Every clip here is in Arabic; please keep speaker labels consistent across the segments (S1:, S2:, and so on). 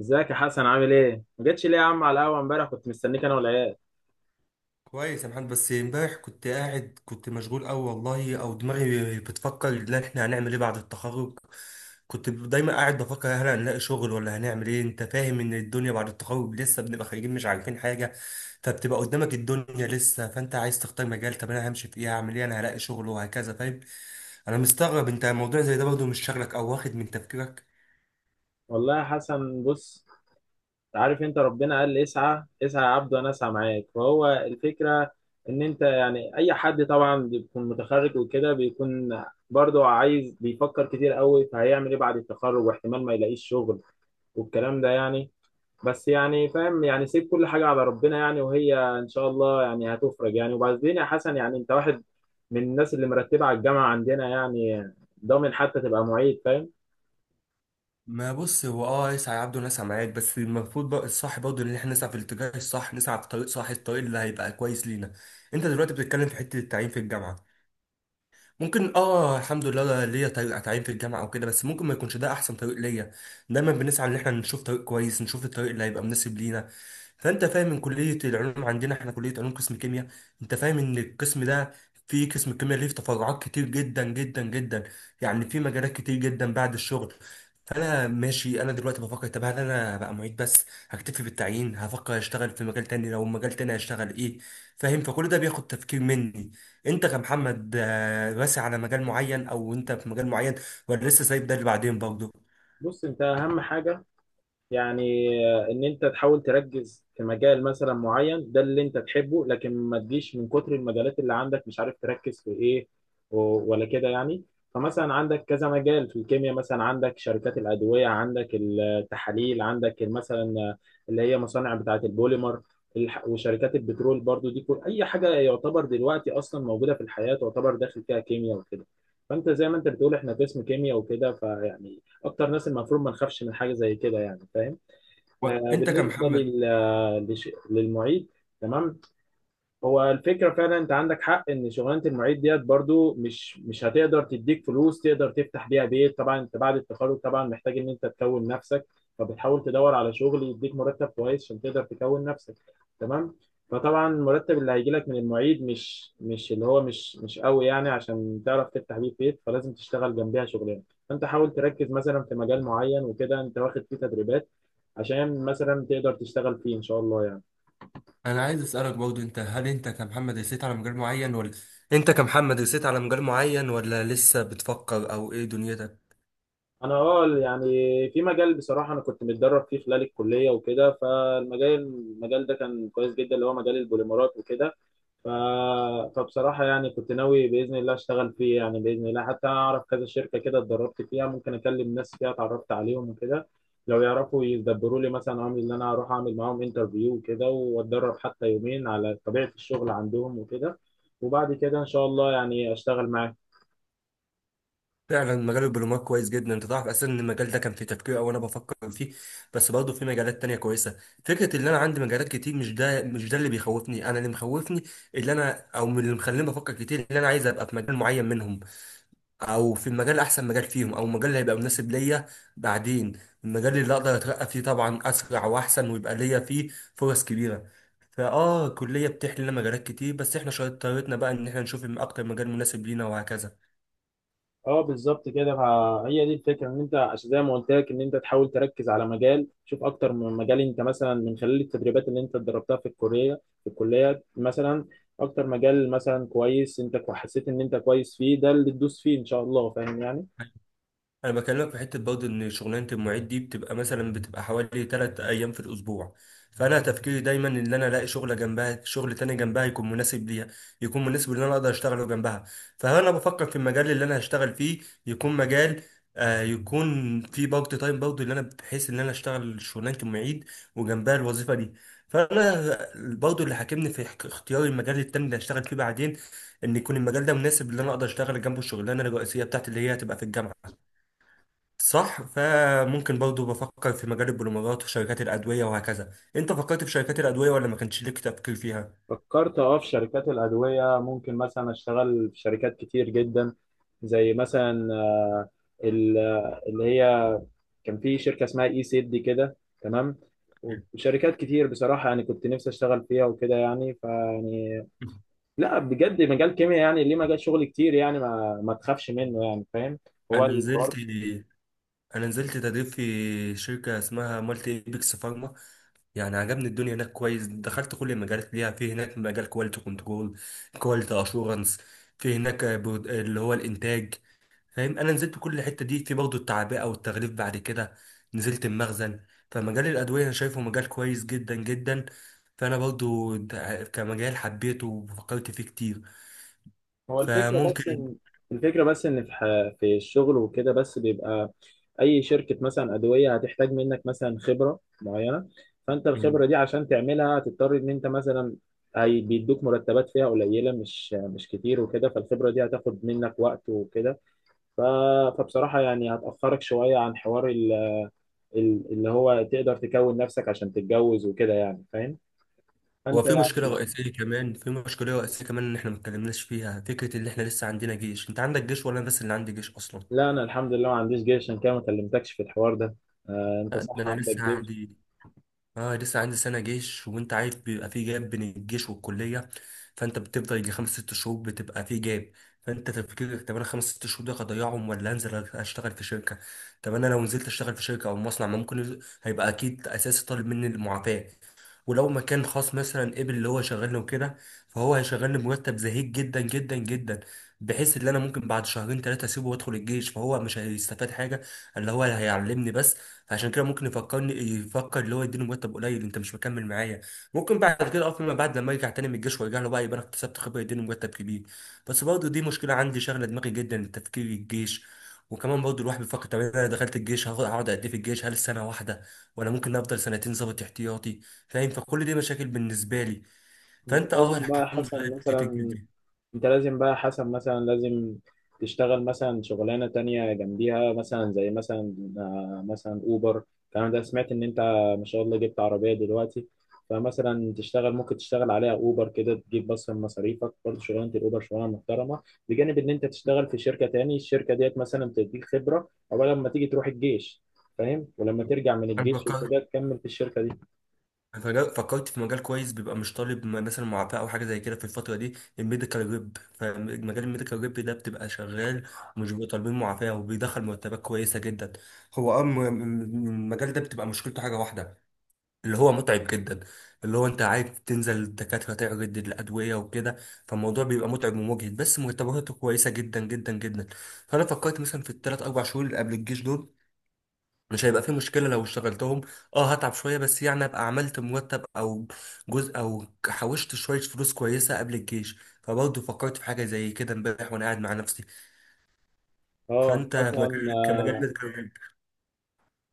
S1: ازيك يا حسن؟ عامل ايه؟ ما جتش ليه يا عم على القهوه امبارح؟ كنت مستنيك انا والعيال.
S2: كويس يا محمد، بس امبارح كنت مشغول قوي والله، او دماغي بتفكر ان احنا هنعمل ايه بعد التخرج. كنت دايما قاعد بفكر هل هنلاقي شغل ولا هنعمل ايه. انت فاهم ان الدنيا بعد التخرج لسه بنبقى خارجين مش عارفين حاجه، فبتبقى قدامك الدنيا لسه. فانت عايز تختار مجال، طب انا همشي في ايه، هعمل ايه، انا هلاقي شغل وهكذا، فاهم؟ انا مستغرب انت الموضوع زي ده برضه مش شغلك او واخد من تفكيرك.
S1: والله يا حسن بص، عارف انت ربنا قال اسعى اسعى يا عبد وانا اسعى معاك. فهو الفكره ان انت اي حد طبعا بيكون متخرج وكده بيكون برضه عايز، بيفكر كتير قوي فهيعمل ايه بعد التخرج، واحتمال ما يلاقيش شغل والكلام ده بس فاهم سيب كل حاجة على ربنا وهي إن شاء الله هتفرج وبعدين يا حسن، أنت واحد من الناس اللي مرتبة على الجامعة عندنا، ضامن حتى تبقى معيد، فاهم؟
S2: ما بص، هو يسعى عبده ناس معاك، بس المفروض بقى الصح برضه ان احنا نسعى في الاتجاه الصح، نسعى في طريق صح، الطريق اللي هيبقى كويس لينا. انت دلوقتي بتتكلم في حته التعيين في الجامعه؟ ممكن الحمد لله ليا طريق اتعين في الجامعه او كده، بس ممكن ما يكونش ده احسن طريق ليا. دايما بنسعى ان احنا نشوف طريق كويس، نشوف الطريق اللي هيبقى مناسب لينا. فانت فاهم، من كليه العلوم عندنا، احنا كليه علوم قسم كيمياء. انت فاهم ان القسم ده، فيه قسم الكيمياء ليه تفرعات كتير جدا جدا جدا، يعني في مجالات كتير جدا بعد الشغل. فانا ماشي، انا دلوقتي بفكر، طب هل انا بقى معيد بس هكتفي بالتعيين، هفكر اشتغل في مجال تاني، لو مجال تاني هشتغل ايه؟ فاهم، فكل ده بياخد تفكير مني. انت كمحمد راسي على مجال معين او انت في مجال معين، ولا لسه سايب ده اللي بعدين برضه؟
S1: بص، أنت أهم حاجة ان انت تحاول تركز في مجال مثلا معين، ده اللي انت تحبه، لكن ما تجيش من كتر المجالات اللي عندك مش عارف تركز في ايه ولا كده فمثلا عندك كذا مجال في الكيمياء، مثلا عندك شركات الأدوية، عندك التحاليل، عندك مثلا اللي هي مصانع بتاعة البوليمر، وشركات البترول برضو. دي كل اي حاجة يعتبر دلوقتي اصلا موجودة في الحياة تعتبر داخل فيها كيمياء وكده. فانت زي ما انت بتقول احنا قسم كيمياء وكده اكتر ناس المفروض ما نخافش من حاجه زي كده، فاهم. آه،
S2: انت
S1: بالنسبه
S2: كمحمد،
S1: للمعيد، تمام. هو الفكرة فعلا انت عندك حق ان شغلانة المعيد ديت برضو مش هتقدر تديك فلوس تقدر تفتح بيها بيت. طبعا انت بعد التخرج طبعا محتاج ان انت تكون نفسك، فبتحاول تدور على شغل يديك مرتب كويس عشان تقدر تكون نفسك، تمام. فطبعا المرتب اللي هيجي لك من المعيد مش مش اللي هو مش مش قوي عشان تعرف تفتح بيه بيت، فلازم تشتغل جنبها شغلانة. فانت حاول تركز مثلا في مجال معين وكده، انت واخد فيه تدريبات عشان مثلا تقدر تشتغل فيه ان شاء الله
S2: انا عايز اسالك برضه، انت هل انت كمحمد رسيت على مجال معين ولا انت كمحمد رسيت على مجال معين ولا لسه بتفكر او ايه دنيتك؟
S1: انا اه في مجال بصراحه انا كنت متدرب فيه خلال الكليه وكده. فالمجال ده كان كويس جدا، اللي هو مجال البوليمرات وكده. ف... فبصراحه كنت ناوي باذن الله اشتغل فيه باذن الله. حتى اعرف كذا شركه كده اتدربت فيها، ممكن اكلم ناس فيها اتعرفت عليهم وكده، لو يعرفوا يدبروا لي مثلا، عامل ان انا اروح اعمل معاهم انترفيو وكده واتدرب حتى يومين على طبيعه الشغل عندهم وكده، وبعد كده ان شاء الله اشتغل معاهم.
S2: فعلا مجال البلومات كويس جدا، انت تعرف اساسا ان المجال ده كان في تفكير او انا بفكر فيه، بس برضه في مجالات تانية كويسه. فكره ان انا عندي مجالات كتير، مش ده اللي بيخوفني، انا اللي مخوفني اللي انا او من اللي مخليني بفكر كتير، اللي انا عايز ابقى في مجال معين منهم، او في المجال احسن مجال فيهم، او المجال اللي هيبقى مناسب ليا. بعدين المجال اللي اقدر اترقى فيه طبعا اسرع واحسن ويبقى ليا فيه فرص كبيره. فاه الكليه بتحلي لنا مجالات كتير، بس احنا شطارتنا بقى ان احنا نشوف اكتر مجال مناسب لينا وهكذا.
S1: اه بالظبط كده، هي دي الفكره ان انت عشان زي ما قلت لك ان انت تحاول تركز على مجال، شوف اكتر من مجال انت مثلا من خلال التدريبات اللي انت اتدربتها في الكليه مثلا. اكتر مجال مثلا كويس انت حسيت ان انت كويس فيه، ده اللي تدوس فيه ان شاء الله، فاهم
S2: انا بكلمك في حته برضه، ان شغلانه المعيد دي بتبقى مثلا بتبقى حوالي 3 ايام في الاسبوع. فانا تفكيري دايما ان انا الاقي شغله جنبها، شغل تاني جنبها يكون مناسب ليها، يكون مناسب ان انا اقدر اشتغله جنبها. فانا بفكر في المجال اللي انا هشتغل فيه يكون مجال يكون فيه بارت تايم برضه، اللي انا بحيث ان انا اشتغل شغلانه المعيد وجنبها الوظيفه دي. فانا برضه اللي حاكمني في اختيار المجال التاني اللي هشتغل فيه بعدين، ان يكون المجال ده مناسب ان انا اقدر اشتغل جنبه الشغلانه الرئيسيه بتاعتي اللي هي هتبقى في الجامعه. صح، فممكن برضو بفكر في مجال البوليمرات وشركات الأدوية وهكذا. انت فكرت في شركات الأدوية ولا ما كانش ليك تفكير فيها؟
S1: فكرت اه في شركات الادويه، ممكن مثلا اشتغل في شركات كتير جدا، زي مثلا آه، ال- اللي هي كان في شركه اسمها اي سيد دي كده، تمام. وشركات كتير بصراحه كنت نفسي اشتغل فيها وكده يعني فيعني لا بجد مجال كيمياء ليه مجال شغل كتير ما تخافش منه، فاهم، هو
S2: انا نزلت،
S1: الحوار.
S2: انا نزلت تدريب في شركه اسمها مالتي ايبكس فارما، يعني عجبني الدنيا هناك كويس. دخلت كل المجالات ليها في هناك، مجال كواليتي كنترول، كواليتي اشورنس، في هناك اللي هو الانتاج. فاهم، انا نزلت كل الحته دي، في برضه التعبئه والتغليف، بعد كده نزلت المخزن. فمجال الادويه انا شايفه مجال كويس جدا جدا. فانا برضه كمجال حبيته وفكرت فيه كتير،
S1: هو الفكره بس
S2: فممكن.
S1: ان الفكره بس ان في الشغل وكده، بس بيبقى اي شركه مثلا ادويه هتحتاج منك مثلا خبره معينه. فانت الخبره دي عشان تعملها هتضطر ان انت مثلا هي بيدوك مرتبات فيها قليله، مش كتير وكده، فالخبره دي هتاخد منك وقت وكده. ف- فبصراحة هتأخرك شوية عن حوار اللي هو تقدر تكون نفسك عشان تتجوز وكده، فاهم،
S2: هو
S1: فأنت
S2: في مشكله رئيسيه كمان، في مشكله رئيسيه كمان ان احنا ما اتكلمناش فيها، فكره ان احنا لسه عندنا جيش، انت عندك جيش ولا انا بس اللي عندي جيش اصلا؟
S1: لا، أنا الحمد لله ما عنديش جيش، عشان كده ما كلمتكش في الحوار ده. آه، أنت
S2: لا، ده
S1: صح
S2: انا
S1: عندك
S2: لسه
S1: جيش.
S2: عندي، اه لسه عندي سنة جيش. وانت عارف بيبقى في جاب بين الجيش والكلية، فانت بتفضل يجي خمس ست شهور بتبقى في جاب. فانت تفكيرك، طب انا خمس ست شهور ده هضيعهم ولا انزل اشتغل في شركة. طب انا لو نزلت اشتغل في شركة او مصنع، ما ممكن هيبقى اكيد اساسي طالب مني المعافاة. ولو مكان خاص مثلا قبل اللي هو شغلني وكده، فهو هيشغلني بمرتب زهيد جدا جدا جدا، بحيث ان انا ممكن بعد شهرين ثلاثة اسيبه وادخل الجيش، فهو مش هيستفاد حاجة، اللي هو هيعلمني بس. فعشان كده ممكن يفكرني، يفكر اللي هو يديني مرتب قليل انت مش مكمل معايا، ممكن بعد كده فيما بعد لما يرجع تاني من الجيش ويرجع له بقى، يبقى انا اكتسبت خبره يديني مرتب كبير. بس برضه دي مشكله عندي شغله دماغي جدا، التفكير الجيش. وكمان برضه الواحد بيفكر، طب انا دخلت الجيش هاخد هقعد قد ايه في الجيش، هل سنه واحده ولا ممكن افضل سنتين ظابط احتياطي؟ فاهم، فكل دي مشاكل بالنسبه لي.
S1: أنت
S2: فانت
S1: لازم بقى يا
S2: الحمد
S1: حسن
S2: لله، فكرة الجيش
S1: مثلا،
S2: دي،
S1: انت لازم بقى حسب مثلا، لازم تشتغل مثلا شغلانة تانية جنبيها، مثلا زي مثلا آه، مثلا اوبر الكلام ده. سمعت ان انت ما شاء الله جبت عربية دلوقتي، فمثلا تشتغل، ممكن تشتغل عليها اوبر كده، تجيب بس من مصاريفك. برضه شغلانة الاوبر شغلانة محترمة بجانب ان انت تشتغل في شركة تاني. الشركة ديت مثلا تديك خبرة او لما تيجي تروح الجيش، فاهم، ولما ترجع من
S2: انا
S1: الجيش
S2: بكرهها.
S1: وكده تكمل في الشركة دي.
S2: فكرت في مجال كويس بيبقى مش طالب مثلا معافاه او حاجه زي كده في الفتره دي، الميديكال ريب. فمجال الميديكال ريب ده بتبقى شغال، ومش بيبقوا طالبين معافاه، وبيدخل مرتبات كويسه جدا. هو م- المجال ده بتبقى مشكلته حاجه واحده، اللي هو متعب جدا، اللي هو انت عارف تنزل الدكاتره تعرض الادويه وكده، فالموضوع بيبقى متعب ومجهد بس مرتباته كويسه جدا جدا جدا. فانا فكرت مثلا في الثلاث اربع شهور اللي قبل الجيش دول مش هيبقى فيه مشكلة لو اشتغلتهم، اه هتعب شوية بس يعني ابقى عملت مرتب او جزء، او حوشت شوية فلوس كويسة قبل الجيش، فبرضه فكرت في حاجة زي كده امبارح وانا قاعد مع نفسي.
S1: اه
S2: فانت
S1: مثلا،
S2: في مجال كمجال.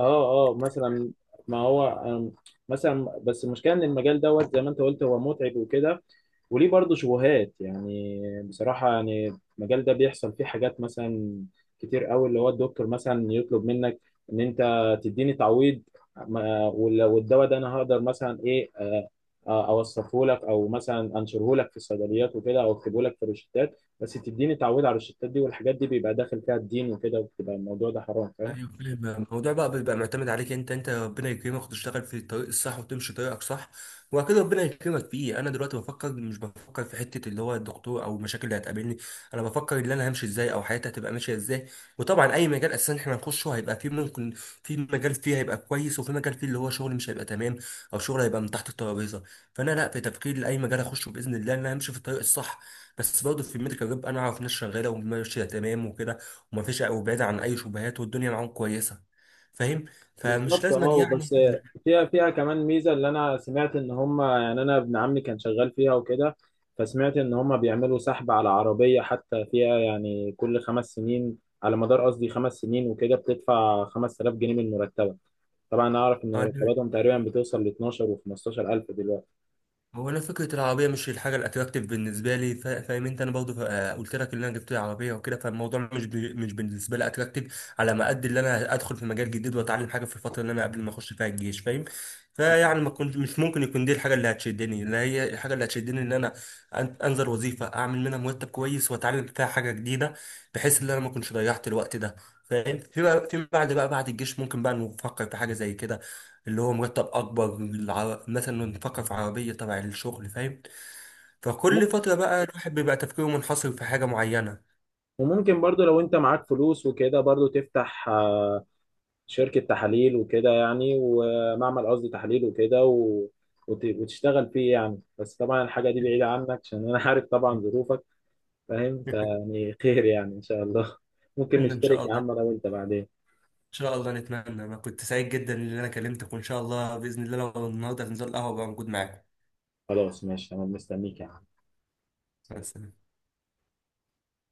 S1: اه مثلا، ما هو مثلا، بس المشكله ان المجال دوت زي ما انت قلت هو متعب وكده، وليه برضه شبهات بصراحه المجال ده بيحصل فيه حاجات مثلا كتير قوي، اللي هو الدكتور مثلا يطلب منك ان انت تديني تعويض، والدواء ده انا هقدر مثلا ايه اوصفه لك او مثلا انشره لك في الصيدليات وكده، او اكتبه لك في الروشتات، بس تديني تعويض على الروشتات دي، والحاجات دي بيبقى داخل فيها الدين وكده، وبتبقى الموضوع ده حرام، فاهم.
S2: ايوه فاهم، الموضوع بقى بيبقى معتمد عليك انت، انت ربنا يكرمك وتشتغل في الطريق الصح وتمشي طريقك صح، وبعد كده ربنا يكرمك فيه. انا دلوقتي بفكر، مش بفكر في حته اللي هو الدكتور او المشاكل اللي هتقابلني، انا بفكر ان انا همشي ازاي او حياتي هتبقى ماشيه ازاي. وطبعا اي مجال اساسا احنا هنخشه هيبقى فيه ممكن، في مجال فيه هيبقى كويس وفي مجال فيه اللي هو شغل مش هيبقى تمام، او شغل هيبقى من تحت الترابيزه. فانا لا، في تفكير لاي مجال اخشه باذن الله ان انا همشي في الطريق الصح. بس برضه في الميديكال ريب انا اعرف ناس شغاله وماشيه تمام وكده، ومفيش، وبعيد عن اي شبهات والدنيا معاهم كويسه، فاهم. فمش
S1: بالظبط
S2: لازم
S1: اه،
S2: يعني
S1: بس فيها كمان ميزه اللي انا سمعت ان هم، انا ابن عمي كان شغال فيها وكده، فسمعت ان هم بيعملوا سحب على عربيه حتى فيها، كل خمس سنين على مدار، قصدي خمس سنين وكده، بتدفع 5000 جنيه من مرتبك. طبعا اعرف ان
S2: آه،
S1: مرتباتهم تقريبا بتوصل ل 12 و 15000 دلوقتي.
S2: هو انا فكره العربيه مش الحاجه الاتراكتيف بالنسبه لي، فاهم انت، انا برضه قلت لك ان انا جبت لي عربيه وكده. فالموضوع مش بي مش بالنسبه لي اتراكتيف على ما قد اللي انا ادخل في مجال جديد واتعلم حاجه في الفتره اللي انا قبل ما اخش فيها الجيش، فاهم. فيعني ما كنت مش ممكن يكون دي الحاجه اللي هتشدني، اللي هي الحاجه اللي هتشدني ان انا انزل وظيفه اعمل منها مرتب كويس واتعلم فيها حاجه جديده، بحيث ان انا ما كنتش ضيعت الوقت ده، فاهم. في بقى- في بعد بقى بعد الجيش ممكن بقى نفكر في حاجه زي كده، اللي هو مرتب اكبر، مثلا نفكر في عربيه تبع الشغل، فاهم. فكل
S1: وممكن
S2: فتره بقى الواحد بيبقى تفكيره منحصر في حاجه معينه.
S1: وممكن برضو لو انت معاك فلوس وكده برضو تفتح آه، شركة تحاليل وكده، ومعمل، قصدي تحليل وكده، وتشتغل فيه بس طبعا الحاجة دي بعيدة عنك عشان أنا عارف طبعا ظروفك، فاهم. خير إن شاء الله ممكن
S2: ان
S1: نشترك
S2: شاء
S1: يا
S2: الله،
S1: عم أنا
S2: ان
S1: وأنت بعدين.
S2: شاء الله نتمنى. انا كنت سعيد جدا ان انا كلمتك، وان شاء الله باذن الله لو النهارده هننزل القهوه بقى موجود معاكم.
S1: خلاص ماشي، أنا مستنيك يا عم. سلام.
S2: بس